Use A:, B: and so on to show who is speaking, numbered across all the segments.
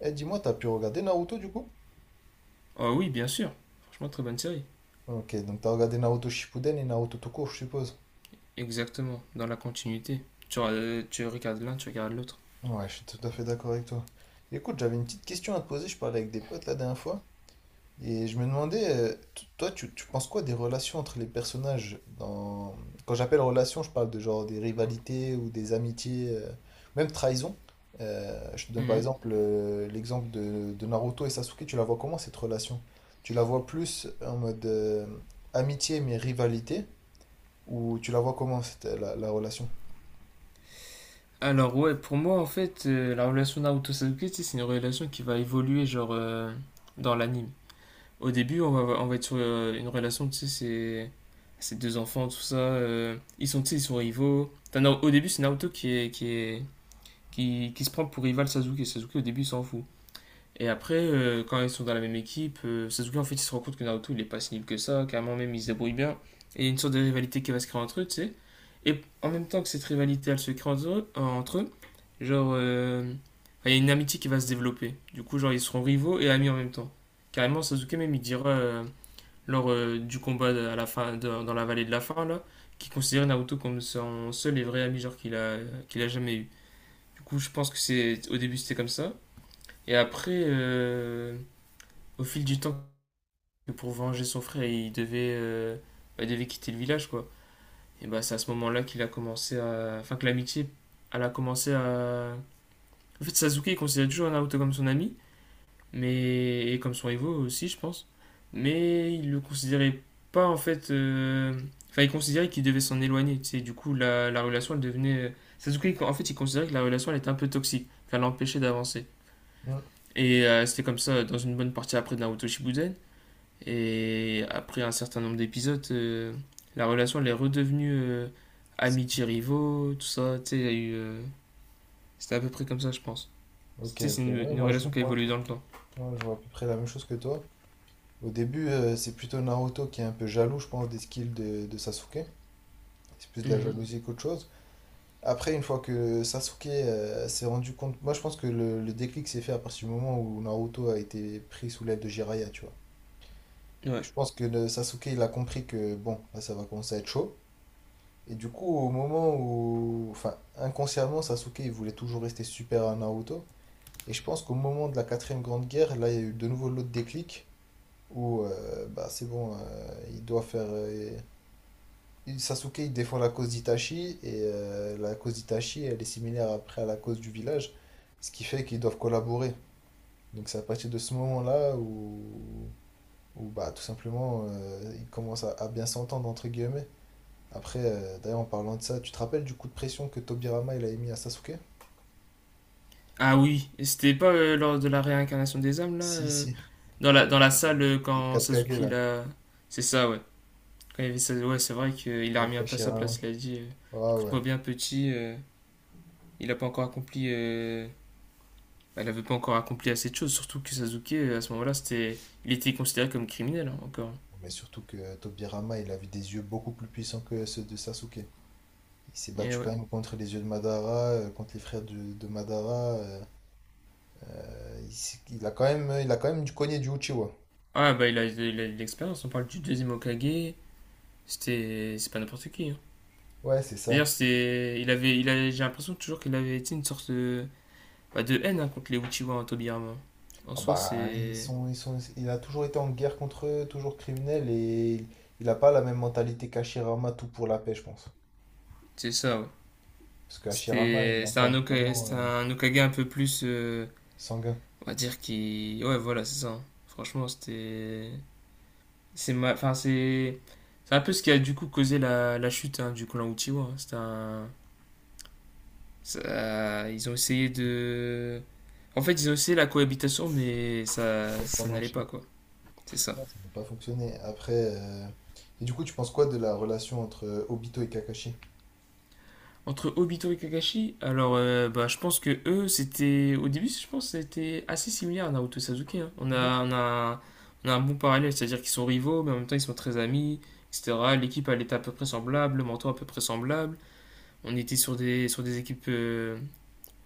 A: Eh, dis-moi, t'as pu regarder Naruto du coup?
B: Oh oui, bien sûr. Franchement, très bonne série.
A: Ok, donc t'as regardé Naruto Shippuden et Naruto tout court, je suppose.
B: Exactement, dans la continuité. Tu regardes l'un, tu regardes l'autre.
A: Ouais, je suis tout à fait d'accord avec toi. Écoute, j'avais une petite question à te poser, je parlais avec des potes la dernière fois, et je me demandais, toi, tu penses quoi des relations entre les personnages dans... Quand j'appelle relations, je parle de genre des rivalités ou des amitiés, même trahison. Je te donne par
B: Mhm.
A: exemple l'exemple de Naruto et Sasuke, tu la vois comment cette relation? Tu la vois plus en mode amitié mais rivalité? Ou tu la vois comment, c'était la relation?
B: Alors ouais, pour moi, en fait, la relation Naruto-Sasuke, tu sais, c'est une relation qui va évoluer, genre, dans l'anime. Au début, on va être sur une relation, tu sais, c'est. Ces deux enfants, tout ça, ils sont, tu sais, ils sont rivaux. T'as non, au début, c'est Naruto qui se prend pour rival Sasuke. Sasuke, au début, il s'en fout. Et après, quand ils sont dans la même équipe, Sasuke en fait il se rend compte que Naruto il est pas si nul que ça, carrément même il se débrouille bien. Et il y a une sorte de rivalité qui va se créer entre eux, tu sais. Et en même temps que cette rivalité elle se crée entre eux, genre enfin, il y a une amitié qui va se développer. Du coup, genre ils seront rivaux et amis en même temps. Carrément, Sasuke même il dira lors du à la fin, dans la vallée de la fin là, qu'il considérait Naruto comme son seul et vrai ami genre qu'il a jamais eu. Du coup, je pense que c'est au début c'était comme ça. Et après, au fil du temps que pour venger son frère, bah, il devait quitter le village, quoi. Et bah, c'est à ce moment-là qu'il a commencé à. Enfin, que l'amitié, elle a commencé à. En fait, Sasuke, il considère toujours Naruto comme son ami, mais. Et comme son Evo aussi, je pense. Mais il le considérait pas, en fait. Enfin, il considérait qu'il devait s'en éloigner, tu sais. Du coup, la relation, elle devenait. Sasuke, en fait, il considérait que la relation, elle était un peu toxique, qu'elle l'empêchait d'avancer.
A: Hmm.
B: Et c'était comme ça dans une bonne partie après de Naruto Shippuden. Et après un certain nombre d'épisodes, la relation elle est redevenue
A: C'est-
B: amitié-rivaux, tout ça. Tu sais, il y a eu. C'était à peu près comme ça, je pense. Tu
A: Ok,
B: sais,
A: ok,
B: c'est une,
A: ouais,
B: une relation qui a
A: moi,
B: évolué dans le temps.
A: moi, je vois à peu près la même chose que toi. Au début, c'est plutôt Naruto qui est un peu jaloux, je pense, des skills de Sasuke. C'est plus de la Mhm.
B: Mmh.
A: jalousie qu'autre chose. Après, une fois que Sasuke s'est rendu compte, moi je pense que le déclic s'est fait à partir du moment où Naruto a été pris sous l'aile de Jiraiya, tu vois.
B: Ouais.
A: Je pense que le Sasuke, il a compris que bon, là ça va commencer à être chaud. Et du coup, au moment où, enfin, inconsciemment, Sasuke, il voulait toujours rester super à Naruto. Et je pense qu'au moment de la quatrième grande guerre, là, il y a eu de nouveau l'autre déclic où bah, c'est bon, il doit faire. Il- Sasuke, il défend la cause d'Itachi et la cause d'Itachi, elle est similaire après à la cause du village, ce qui fait qu'ils doivent collaborer. Donc c'est à partir de ce moment-là où bah, tout simplement ils commencent à bien s'entendre, entre guillemets. Après, d'ailleurs, en parlant de ça, tu te rappelles du coup de pression que Tobirama il a mis à Sasuke?
B: Ah oui, et c'était pas lors de la réincarnation des âmes, là
A: Si, si.
B: dans la salle,
A: Les
B: quand
A: 4 Kage
B: Sasuke,
A: là,
B: là. C'est ça, ouais. Quand il y avait ouais, c'est vrai qu'il a
A: avec
B: remis un peu à sa
A: Hashirama.
B: place. Il a dit
A: Ah ouais.
B: écoute-moi bien, petit, il a pas encore accompli elle n'avait pas encore accompli assez de choses, surtout que Sasuke, à ce moment-là, c'était, il était considéré comme criminel hein, encore.
A: Mais surtout que Tobirama, il avait des yeux beaucoup plus puissants que ceux de Sasuke. Il s'est
B: Et
A: battu
B: ouais.
A: quand même contre les yeux de Madara, contre les frères de Madara. Il a quand même, il a quand même du cogné du Uchiwa.
B: Ah bah il a de l'expérience, on parle du deuxième Hokage, c'était, c'est pas n'importe qui, hein.
A: Ouais, c'est
B: D'ailleurs,
A: ça.
B: c'était, il avait, j'ai l'impression toujours qu'il avait été une sorte de, bah, de haine hein, contre les Uchiwa en Tobirama. En
A: Ah
B: soi,
A: bah, ils sont, il a toujours été en guerre contre eux, toujours criminel, il a pas la même mentalité qu'Hashirama, tout pour la paix, je pense.
B: c'est ça. Ouais.
A: Parce qu'Hashirama, il
B: C'était,
A: est un peu vraiment
B: C'était un Hokage un peu plus,
A: sanguin.
B: on va dire qui, ouais voilà, c'est ça, hein. Franchement, c'était, c'est enfin, c'est un peu ce qui a du coup causé la, la chute hein, du clan Uchiwa, hein. C'est ils ont essayé de. En fait, ils ont essayé la cohabitation, mais ça,
A: Ça n'a pas
B: ça n'allait
A: marché.
B: pas quoi. C'est ça.
A: Non, ça n'a pas fonctionné. Après, Et du coup, tu penses quoi de la relation entre Obito et Kakashi?
B: Entre Obito et Kakashi, alors bah, je pense que eux, c'était. Au début, je pense que c'était assez similaire à Naruto et Sasuke, hein. On a, on a un bon parallèle, c'est-à-dire qu'ils sont rivaux, mais en même temps ils sont très amis, etc. L'équipe, elle était à peu près semblable, le mentor à peu près semblable. On était sur des équipes.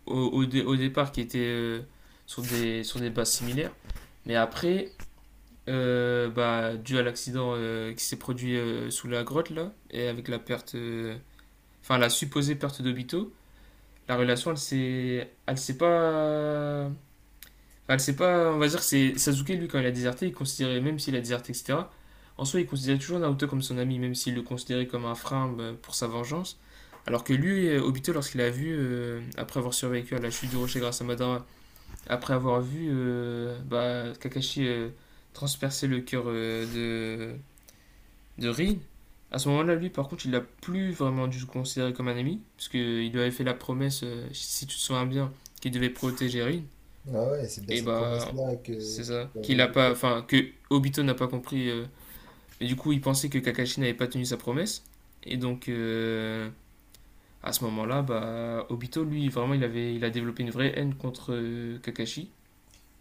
B: au départ qui étaient sur des bases similaires. Mais après, bah, dû à l'accident qui s'est produit sous la grotte, là, et avec la perte, enfin la supposée perte d'Obito, la relation, elle s'est pas, enfin, elle s'est pas, on va dire que c'est Sasuke lui quand il a déserté, il considérait même s'il a déserté, etc. En soi, il considérait toujours Naruto comme son ami, même s'il le considérait comme un frein bah, pour sa vengeance. Alors que lui, Obito, lorsqu'il a vu, après avoir survécu à la chute du rocher grâce à Madara, après avoir vu bah, Kakashi transpercer le cœur de Rin, à ce moment-là, lui, par contre, il l'a plus vraiment dû se considérer comme un ami, parce qu'il lui avait fait la promesse, si tu te souviens bien, qu'il devait protéger Rin,
A: Ah ouais, c'est bien
B: et
A: cette
B: bah,
A: promesse-là
B: c'est
A: qui
B: ça,
A: va
B: qu'il a
A: briser
B: pas,
A: tout.
B: enfin, que Obito n'a pas compris, et du coup, il pensait que Kakashi n'avait pas tenu sa promesse, et donc, à ce moment-là, bah, Obito, lui, vraiment, il avait, il a développé une vraie haine contre Kakashi,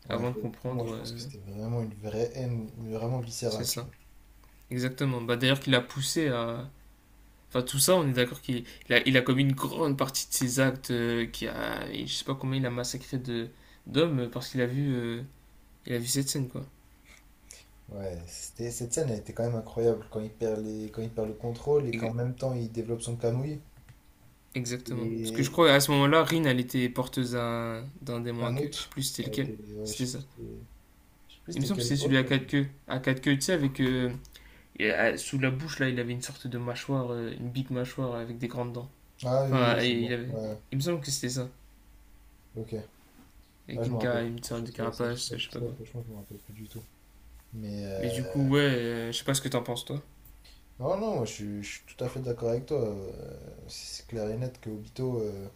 A: Ouais,
B: avant de
A: pour le coup, moi je
B: comprendre,
A: pense que c'était vraiment une vraie haine, mais vraiment
B: c'est
A: viscérale, tu
B: ça.
A: vois.
B: Exactement. Bah, d'ailleurs, qu'il a poussé à. Enfin, tout ça, on est d'accord qu'il il a commis une grande partie de ses actes, qui a, et je sais pas combien il a massacré de d'hommes parce qu'il a vu, il a vu cette scène, quoi.
A: Ouais, c'était, cette scène, elle était quand même incroyable quand il perd les, quand il perd le contrôle et
B: Ex-
A: qu'en même temps il développe son camouille.
B: Exactement. Parce que je
A: Et
B: crois à ce moment-là, Rin, elle était porteuse d'un démon à
A: un
B: queue. Je sais
A: autre,
B: plus si c'était
A: elle
B: lequel.
A: était, ouais, je
B: C'était
A: sais
B: ça.
A: plus, je sais plus
B: Il me
A: c'était
B: semble que
A: quel
B: c'était celui
A: autre.
B: à quatre queues. À quatre queues, tu sais, avec et, sous la bouche là, il avait une sorte de mâchoire, une big mâchoire avec des grandes dents.
A: Ah oui, oui, oui,
B: Enfin, et
A: c'est
B: il
A: bon,
B: avait.
A: ouais,
B: Il me semble que c'était ça,
A: ok. Ah,
B: avec
A: je me
B: une,
A: rappelle
B: cara-
A: plus,
B: une sorte de
A: franchement,
B: carapace, je sais pas quoi.
A: franchement, je me rappelle plus du tout. Mais
B: Mais du coup, ouais, je sais pas ce que t'en penses, toi.
A: non, non, moi, je suis tout à fait d'accord avec toi. C'est clair et net que Obito.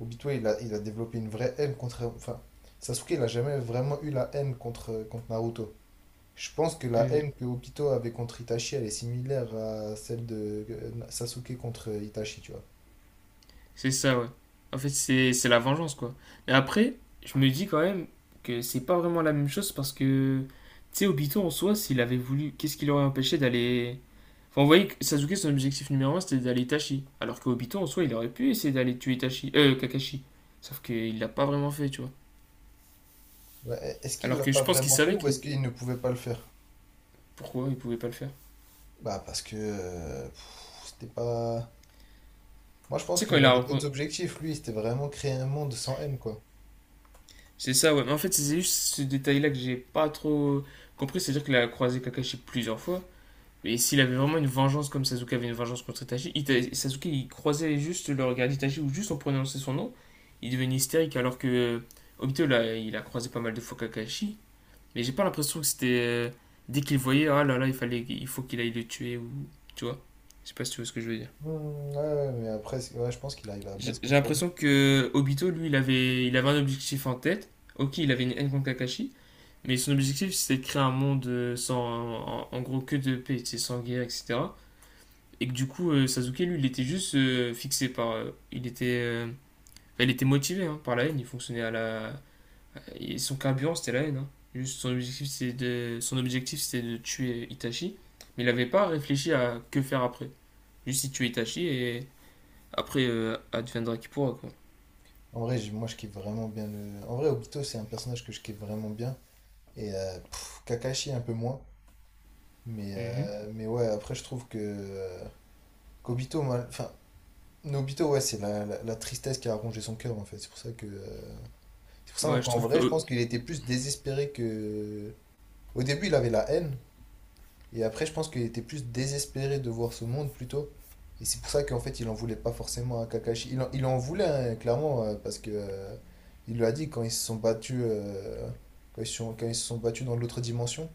A: Obito, il a développé une vraie haine contre. Enfin, Sasuke, il a jamais vraiment eu la haine contre, contre Naruto. Je pense que la
B: Euh,
A: haine que Obito avait contre Itachi, elle est similaire à celle de Sasuke contre Itachi, tu vois.
B: c'est ça, ouais. En fait, c'est la vengeance, quoi. Mais après, je me dis quand même que c'est pas vraiment la même chose parce que, tu sais, Obito en soi, s'il avait voulu, qu'est-ce qui l'aurait empêché d'aller. Enfin, vous voyez, que Sasuke, son objectif numéro un, c'était d'aller Itachi. Alors que Obito en soi, il aurait pu essayer d'aller tuer Itachi. Kakashi. Sauf qu'il l'a pas vraiment fait, tu vois.
A: Ouais, est-ce qu'il
B: Alors
A: l'a
B: que
A: pas
B: je pense qu'il
A: vraiment fait
B: savait
A: ou
B: que.
A: est-ce qu'il ne pouvait pas le faire?
B: Pourquoi il pouvait pas le faire?
A: Bah parce que c'était pas. Moi je
B: Tu
A: pense
B: sais, quand
A: qu'il
B: il a,
A: avait d'autres objectifs, lui, c'était vraiment créer un monde sans haine, quoi.
B: c'est ça, ouais. Mais en fait, c'est juste ce détail-là que j'ai pas trop compris. C'est-à-dire qu'il a croisé Kakashi plusieurs fois. Et s'il avait vraiment une vengeance comme Sasuke avait une vengeance contre Itachi, Sasuke il croisait juste le regard d'Itachi ou juste en prononçant son nom, il devenait hystérique alors que Obito là, il a croisé pas mal de fois Kakashi, mais j'ai pas l'impression que c'était dès qu'il voyait ah là là il fallait il faut qu'il aille le tuer ou tu vois. Je sais pas si tu vois ce que je veux dire.
A: Hmm, ouais, ouais, mais après, ouais, je pense qu'il arrive à bien
B: J'ai
A: se
B: j'ai
A: contrôler.
B: l'impression que Obito lui il avait un objectif en tête. Ok, il avait une haine contre Kakashi, mais son objectif, c'était de créer un monde sans, en, en gros, que de paix, tu sais, sans guerre, etc. Et que du coup, Sasuke, lui, il était juste fixé par. Il était. Enfin, il était motivé hein, par la haine, il fonctionnait à la. Et son carburant, c'était la haine, hein. Juste, son objectif, c'était de, son objectif, c'était de tuer Itachi. Mais il n'avait pas réfléchi à que faire après. Juste, il tuait Itachi et après, adviendra qui pourra, quoi.
A: En vrai, moi, je kiffe vraiment bien le. En vrai, Obito, c'est un personnage que je kiffe vraiment bien. Et Kakashi, un peu moins. Mais ouais, après, je trouve que. qu'Obito, Nobito, ouais, c'est la tristesse qui a rongé son cœur, en fait. C'est pour ça que. C'est pour ça
B: Moi, je
A: qu'en
B: trouve que.
A: vrai, je pense qu'il était plus désespéré que. Au début, il avait la haine. Et après, je pense qu'il était plus désespéré de voir ce monde plutôt. Et c'est pour ça qu'en fait, il en voulait pas forcément à Kakashi. Il en voulait, hein, clairement, parce que il lui a dit quand ils se sont battus, quand ils se sont battus dans l'autre dimension.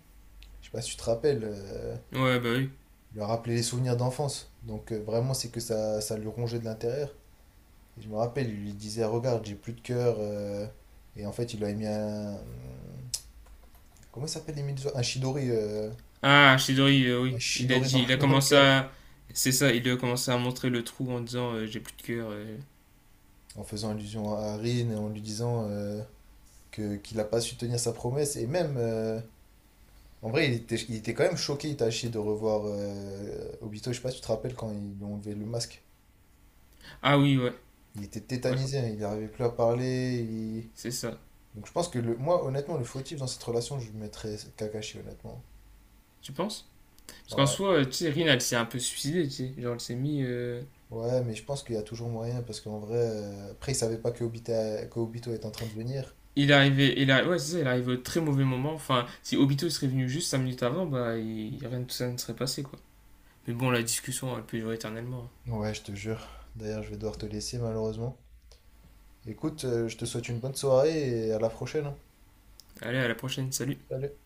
A: Je sais pas si tu te rappelles,
B: Ouais, bah oui.
A: il lui a rappelé les souvenirs d'enfance. Donc vraiment, c'est que ça lui rongeait de l'intérieur. Et je me rappelle, il lui disait, regarde, j'ai plus de cœur. Et en fait, il lui a mis un. Comment il s'appelle les Medusa Un Shidori.
B: Ah, Shidori,
A: Un
B: oui. Il a
A: Shidori dans,
B: dit, il a
A: dans le
B: commencé
A: cœur.
B: à. C'est ça, il a commencé à montrer le trou en disant j'ai plus de cœur.
A: En faisant allusion à Rin et en lui disant que qu'il n'a pas su tenir sa promesse. Et même, en vrai, il était quand même choqué, Itachi, de revoir Obito. Je sais pas si tu te rappelles quand ils lui ont enlevé le masque.
B: Ah oui, ouais,
A: Il était
B: ouais,
A: tétanisé, hein, il n'arrivait plus à parler.
B: c'est ça.
A: Donc je pense que le, moi, honnêtement, le fautif dans cette relation, je mettrais Kakashi, honnêtement.
B: Tu penses? Parce qu'en
A: Ouais.
B: soi, tu sais, Rin, elle s'est un peu suicidée, tu sais. Genre, elle s'est mis.
A: Ouais, mais je pense qu'il y a toujours moyen parce qu'en vrai, après, il savait pas que que Obito est en train de venir.
B: Il est arrivé, il a. Ouais, c'est ça, il est arrivé au très mauvais moment. Enfin, si Obito serait venu juste 5 minutes avant, bah, rien de tout ça ne serait passé, quoi. Mais bon, la discussion, elle peut durer éternellement.
A: Ouais, je te jure. D'ailleurs, je vais devoir te laisser malheureusement. Écoute, je te souhaite une bonne soirée et à la prochaine. Hein.
B: Allez, à la prochaine, salut!
A: Salut.